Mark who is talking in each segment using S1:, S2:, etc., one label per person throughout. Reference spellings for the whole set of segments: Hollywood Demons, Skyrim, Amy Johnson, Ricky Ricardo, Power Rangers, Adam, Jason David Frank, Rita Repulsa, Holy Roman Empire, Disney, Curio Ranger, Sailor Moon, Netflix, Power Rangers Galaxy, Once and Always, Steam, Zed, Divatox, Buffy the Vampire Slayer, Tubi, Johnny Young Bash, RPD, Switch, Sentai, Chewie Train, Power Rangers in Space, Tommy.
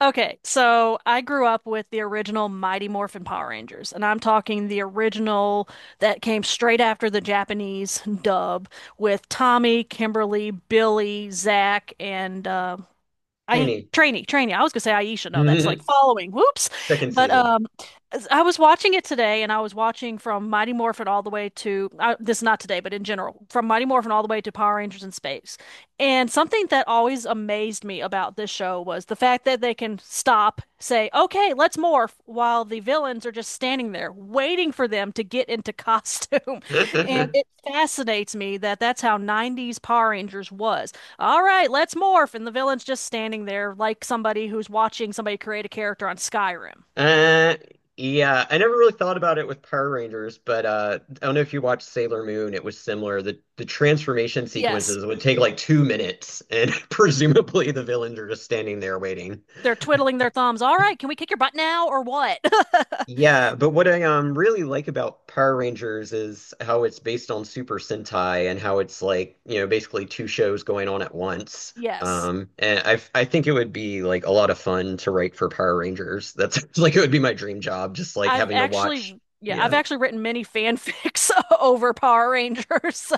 S1: Okay, so I grew up with the original Mighty Morphin Power Rangers, and I'm talking the original that came straight after the Japanese dub with Tommy, Kimberly, Billy, Zach, and I
S2: Trini.
S1: trainee, trainee. I was gonna say Aisha. No, that's like following. Whoops.
S2: Second
S1: But
S2: season.
S1: I was watching it today, and I was watching from Mighty Morphin all the way to this is not today, but in general, from Mighty Morphin all the way to Power Rangers in Space. And something that always amazed me about this show was the fact that they can stop, say, "Okay, let's morph," while the villains are just standing there waiting for them to get into costume. And it fascinates me that that's how 90s Power Rangers was, all right, let's morph. And the villain's just standing there like somebody who's watching somebody create a character on Skyrim.
S2: Uh, yeah, I never really thought about it with Power Rangers, but I don't know if you watched Sailor Moon. It was similar. The transformation
S1: Yes.
S2: sequences would take like 2 minutes, and presumably the villains are just standing there waiting.
S1: They're twiddling their thumbs. All right, can we kick your butt now or what?
S2: Yeah, but what I really like about Power Rangers is how it's based on Super Sentai and how it's like, you know, basically two shows going on at once.
S1: Yes.
S2: And I think it would be like a lot of fun to write for Power Rangers. That's like it would be my dream job, just like
S1: I've
S2: having to
S1: actually,
S2: watch.
S1: yeah, I've
S2: Yeah,
S1: actually written many fanfics over Power Rangers, so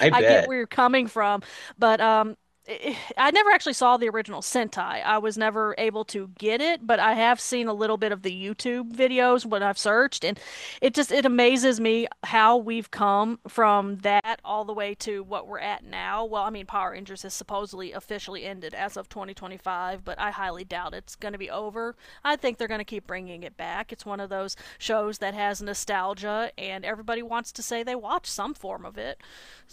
S2: I
S1: I get
S2: bet.
S1: where you're coming from. But I never actually saw the original Sentai. I was never able to get it, but I have seen a little bit of the YouTube videos when I've searched, and it just it amazes me how we've come from that all the way to what we're at now. Well, I mean, Power Rangers has supposedly officially ended as of 2025, but I highly doubt it's going to be over. I think they're going to keep bringing it back. It's one of those shows that has nostalgia, and everybody wants to say they watch some form of it.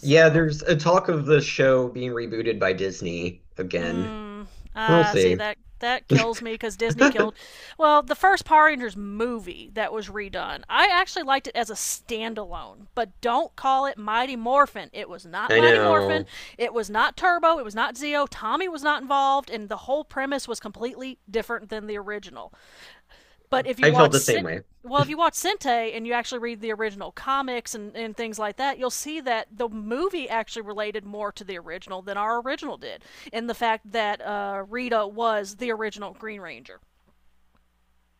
S2: Yeah, there's a talk of the show being rebooted by Disney again.
S1: mm,
S2: We'll
S1: see
S2: see.
S1: that that kills me because Disney
S2: I
S1: killed. Well, the first Power Rangers movie that was redone, I actually liked it as a standalone, but don't call it Mighty Morphin. It was not Mighty Morphin.
S2: know.
S1: It was not Turbo. It was not Zeo. Tommy was not involved, and the whole premise was completely different than the original. But if you
S2: I felt
S1: watch
S2: the
S1: Sen-
S2: same way.
S1: well, if you watch Sente and you actually read the original comics and things like that, you'll see that the movie actually related more to the original than our original did. And the fact that Rita was the original Green Ranger.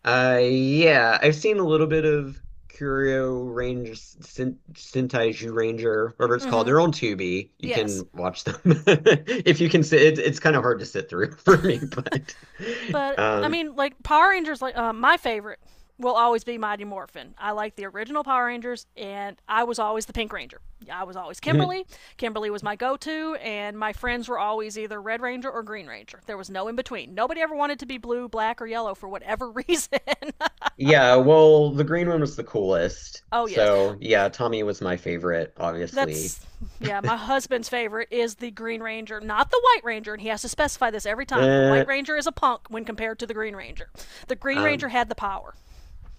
S2: Yeah, I've seen a little bit of Curio Ranger, Sentai Ranger, whatever it's
S1: Mm
S2: called.
S1: hmm.
S2: They're on Tubi. You
S1: Yes.
S2: can watch them if you can sit. It's kind of hard to sit through for me, but
S1: But I
S2: um,
S1: mean, like Power Rangers, like my favorite will always be Mighty Morphin. I like the original Power Rangers, and I was always the Pink Ranger. I was always
S2: mhm.
S1: Kimberly. Kimberly was my go-to, and my friends were always either Red Ranger or Green Ranger. There was no in between. Nobody ever wanted to be blue, black, or yellow for whatever reason.
S2: Yeah. Well, the green one was the coolest.
S1: Oh yes.
S2: So yeah, Tommy was my favorite, obviously.
S1: That's yeah, my husband's favorite is the Green Ranger, not the White Ranger, and he has to specify this every time. The
S2: Uh,
S1: White Ranger is a punk when compared to the Green Ranger. The Green Ranger
S2: um,
S1: had the power.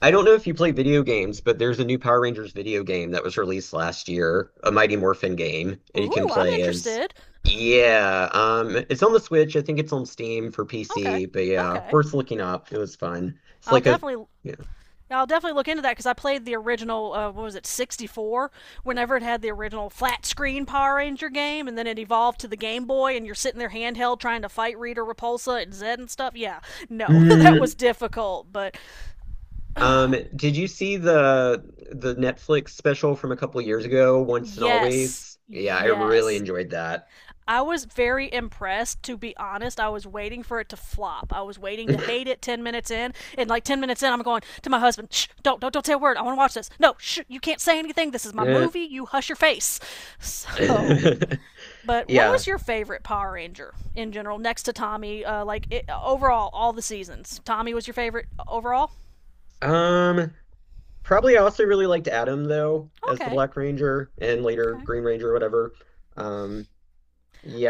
S2: I don't know if you play video games, but there's a new Power Rangers video game that was released last year, a Mighty Morphin game, and you
S1: Ooh,
S2: can
S1: I'm
S2: play as.
S1: interested.
S2: Yeah, it's on the Switch. I think it's on Steam for
S1: Okay.
S2: PC, but yeah,
S1: Okay.
S2: worth looking up. It was fun. It's
S1: I'll
S2: like a,
S1: definitely
S2: yeah.
S1: I'll definitely look into that because I played the original. What was it, 64? Whenever it had the original flat screen Power Ranger game, and then it evolved to the Game Boy, and you're sitting there handheld trying to fight Rita Repulsa and Zed and stuff. Yeah, no, that was
S2: Mm,
S1: difficult, but
S2: did you see the Netflix special from a couple years ago, Once and
S1: yes,
S2: Always? Yeah, I really
S1: yes.
S2: enjoyed that.
S1: I was very impressed, to be honest. I was waiting for it to flop. I was waiting to hate it 10 minutes in. And like 10 minutes in, I'm going to my husband, shh, don't say a word. I want to watch this. No, shh, you can't say anything. This is my movie. You hush your face. So, but what
S2: Yeah.
S1: was your favorite Power Ranger in general, next to Tommy? Like it, overall, all the seasons. Tommy was your favorite overall?
S2: Um, Probably. I also really liked Adam though as the
S1: Okay,
S2: Black Ranger and later
S1: okay.
S2: Green Ranger, whatever. Um,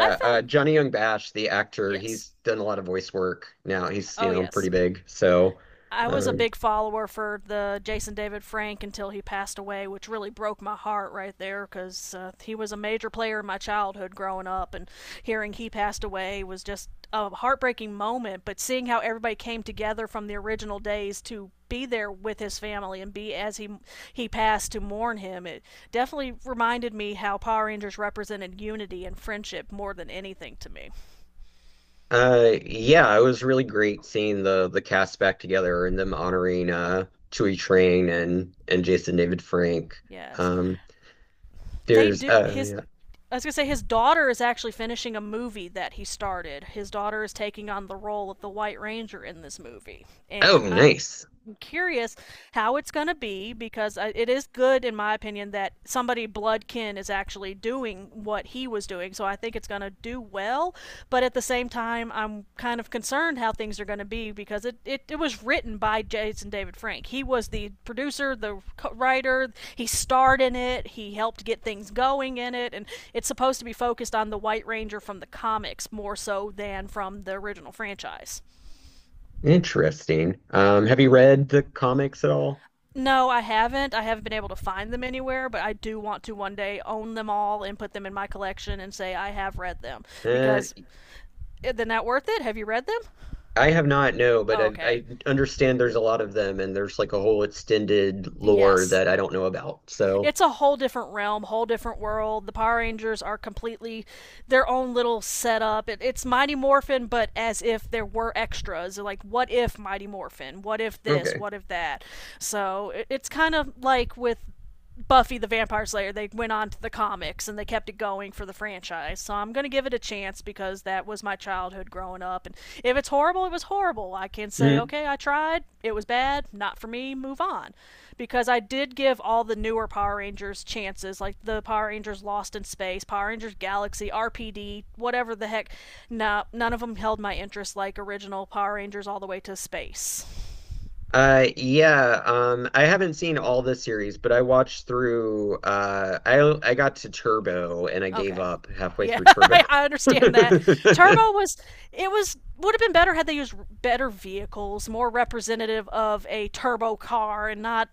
S1: I found,
S2: Johnny Young Bash, the actor,
S1: yes.
S2: he's done a lot of voice work now. He's, you
S1: Oh,
S2: know, pretty
S1: yes.
S2: big. So,
S1: I was a
S2: um,
S1: big follower for the Jason David Frank until he passed away, which really broke my heart right there because he was a major player in my childhood growing up, and hearing he passed away was just a heartbreaking moment. But seeing how everybody came together from the original days to be there with his family and be as he passed to mourn him, it definitely reminded me how Power Rangers represented unity and friendship more than anything to me.
S2: yeah, it was really great seeing the cast back together and them honoring Chewie Train and Jason David Frank.
S1: Yes,
S2: Um,
S1: they
S2: there's
S1: do. His
S2: yeah.
S1: I was gonna say his daughter is actually finishing a movie that he started. His daughter is taking on the role of the White Ranger in this movie,
S2: Oh,
S1: and I
S2: nice.
S1: curious how it's going to be because it is good, in my opinion, that somebody blood kin is actually doing what he was doing. So I think it's going to do well. But at the same time, I'm kind of concerned how things are going to be because it was written by Jason David Frank. He was the producer, the writer. He starred in it, he helped get things going in it. And it's supposed to be focused on the White Ranger from the comics more so than from the original franchise.
S2: Interesting. Have you read the comics at all?
S1: No, I haven't. I haven't been able to find them anywhere, but I do want to one day own them all and put them in my collection and say I have read them.
S2: Uh,
S1: Because they're not worth it. Have you read them?
S2: I have not, no, but
S1: Oh, okay.
S2: I understand there's a lot of them and there's like a whole extended lore that
S1: Yes.
S2: I don't know about. So,
S1: It's a whole different realm, whole different world. The Power Rangers are completely their own little setup. It's Mighty Morphin, but as if there were extras. Like, what if Mighty Morphin? What if this?
S2: okay.
S1: What if that? So it's kind of like with Buffy the Vampire Slayer, they went on to the comics and they kept it going for the franchise. So I'm going to give it a chance because that was my childhood growing up. And if it's horrible, it was horrible. I can say,
S2: Mm.
S1: okay, I tried. It was bad. Not for me. Move on. Because I did give all the newer Power Rangers chances, like the Power Rangers Lost in Space, Power Rangers Galaxy, RPD, whatever the heck. No, none of them held my interest like original Power Rangers all the way to space.
S2: Yeah, I haven't seen all the series, but I watched through, I got to Turbo and I gave
S1: Okay.
S2: up halfway
S1: Yeah,
S2: through Turbo.
S1: I, understand that. Turbo was it was would have been better had they used better vehicles, more representative of a turbo car and not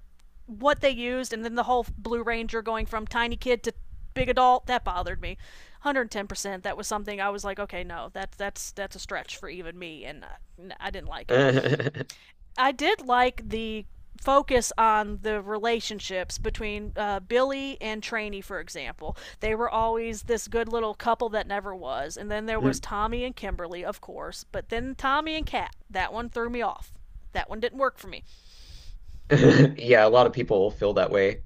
S1: what they used, and then the whole Blue Ranger going from tiny kid to big adult, that bothered me. 110%. That was something I was like, okay, no, that's a stretch for even me and I didn't like it. I did like the focus on the relationships between Billy and Trainee, for example. They were always this good little couple that never was, and then there was Tommy and Kimberly, of course, but then Tommy and Kat. That one threw me off. That one didn't work for me.
S2: Yeah, a lot of people feel that way.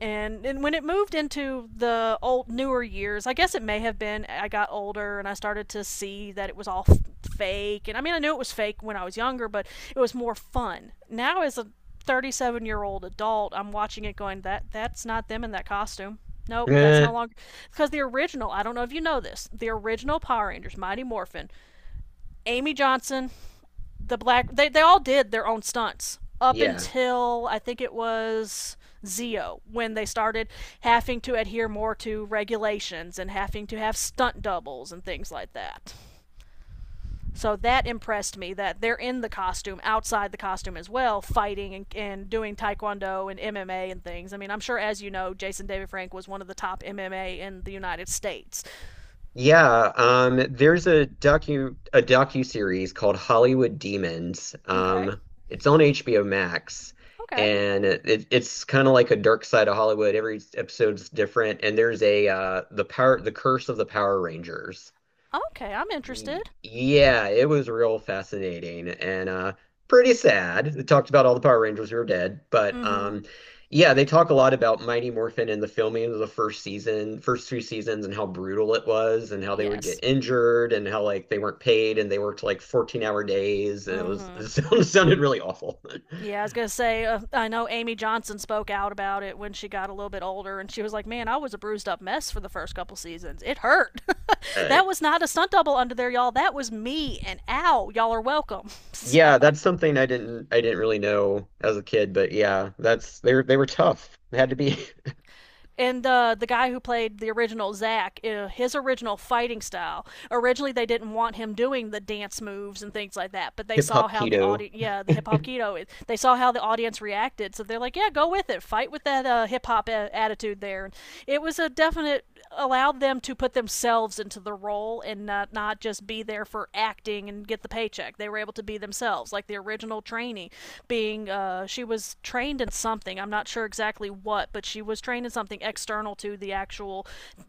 S1: And when it moved into the old newer years, I guess it may have been I got older and I started to see that it was all fake. And I mean, I knew it was fake when I was younger, but it was more fun. Now as a 37-year-old adult, I'm watching it going that that's not them in that costume. Nope, that's no
S2: Uh,
S1: longer because the original, I don't know if you know this, the original Power Rangers Mighty Morphin, Amy Johnson, the black, they all did their own stunts up
S2: Yeah.
S1: until I think it was Zio when they started having to adhere more to regulations and having to have stunt doubles and things like that. So that impressed me that they're in the costume, outside the costume as well, fighting and doing taekwondo and MMA and things. I mean, I'm sure, as you know, Jason David Frank was one of the top MMA in the United States.
S2: Yeah, there's a docu-series called Hollywood Demons.
S1: Okay.
S2: It's on HBO Max,
S1: Okay.
S2: and it's kind of like a dark side of Hollywood. Every episode's different, and there's a the Curse of the Power Rangers.
S1: Okay. I'm interested.
S2: Yeah, it was real fascinating and pretty sad. They talked about all the Power Rangers who are dead, but
S1: Mm hmm.
S2: yeah, they talk a lot about Mighty Morphin and the filming of the first season, first two seasons and how brutal it was and how they would get
S1: Yes.
S2: injured and how like they weren't paid and they worked like 14-hour days and it
S1: Mm
S2: was
S1: hmm.
S2: sounded really awful.
S1: Yeah, I was gonna say. I know Amy Johnson spoke out about it when she got a little bit older, and she was like, "Man, I was a bruised up mess for the first couple seasons. It hurt.
S2: Uh,
S1: That was not a stunt double under there, y'all. That was me. And ow, y'all are welcome."
S2: yeah, that's something I didn't really know as a kid, but yeah, that's they were tough. They had to be.
S1: And the guy who played the original Zack, his original fighting style. Originally, they didn't want him doing the dance moves and things like that, but they
S2: Hip
S1: saw
S2: hop
S1: how the
S2: keto.
S1: audience, yeah, the hip hop keto, they saw how the audience reacted, so they're like, yeah, go with it, fight with that hip hop attitude there. And It was a definite allowed them to put themselves into the role and not just be there for acting and get the paycheck. They were able to be themselves, like the original trainee being she was trained in something. I'm not sure exactly what, but she was trained in something external to the actual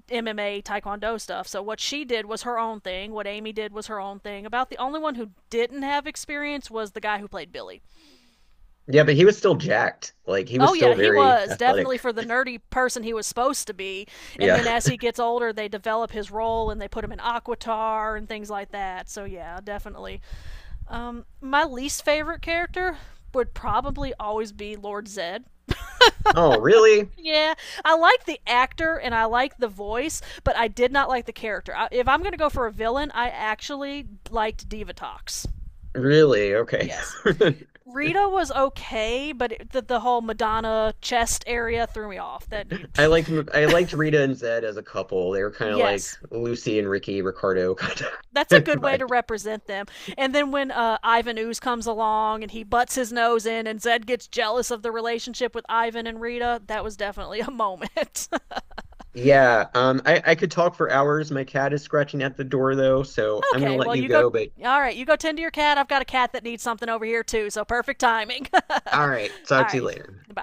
S1: MMA Taekwondo stuff. So what she did was her own thing. What Amy did was her own thing. About the only one who didn't have experience was the guy who played Billy.
S2: Yeah, but he was still jacked. Like he was
S1: Oh
S2: still
S1: yeah, he
S2: very
S1: was definitely
S2: athletic.
S1: for the nerdy person he was supposed to be. And
S2: Yeah.
S1: then as he gets older, they develop his role and they put him in Aquatar and things like that. So yeah, definitely. My least favorite character would probably always be Lord Zed.
S2: Oh, really?
S1: Yeah, I like the actor and I like the voice, but I did not like the character. If I'm going to go for a villain, I actually liked Divatox.
S2: Really? Okay.
S1: Yes. Rita was okay, but the whole Madonna chest area threw me off. That dude.
S2: I like I liked Rita and Zed as a couple. They were kind of like
S1: Yes,
S2: Lucy and Ricky Ricardo kind of
S1: that's a good way to
S2: vibe.
S1: represent them. And then when Ivan Ooze comes along and he butts his nose in, and Zed gets jealous of the relationship with Ivan and Rita, that was definitely a moment.
S2: Yeah, I could talk for hours. My cat is scratching at the door though, so I'm gonna
S1: Okay,
S2: let
S1: well,
S2: you
S1: you go.
S2: go, but
S1: All right, you go tend to your cat. I've got a cat that needs something over here, too, so perfect timing.
S2: all right,
S1: All
S2: talk to you
S1: right,
S2: later.
S1: Bye.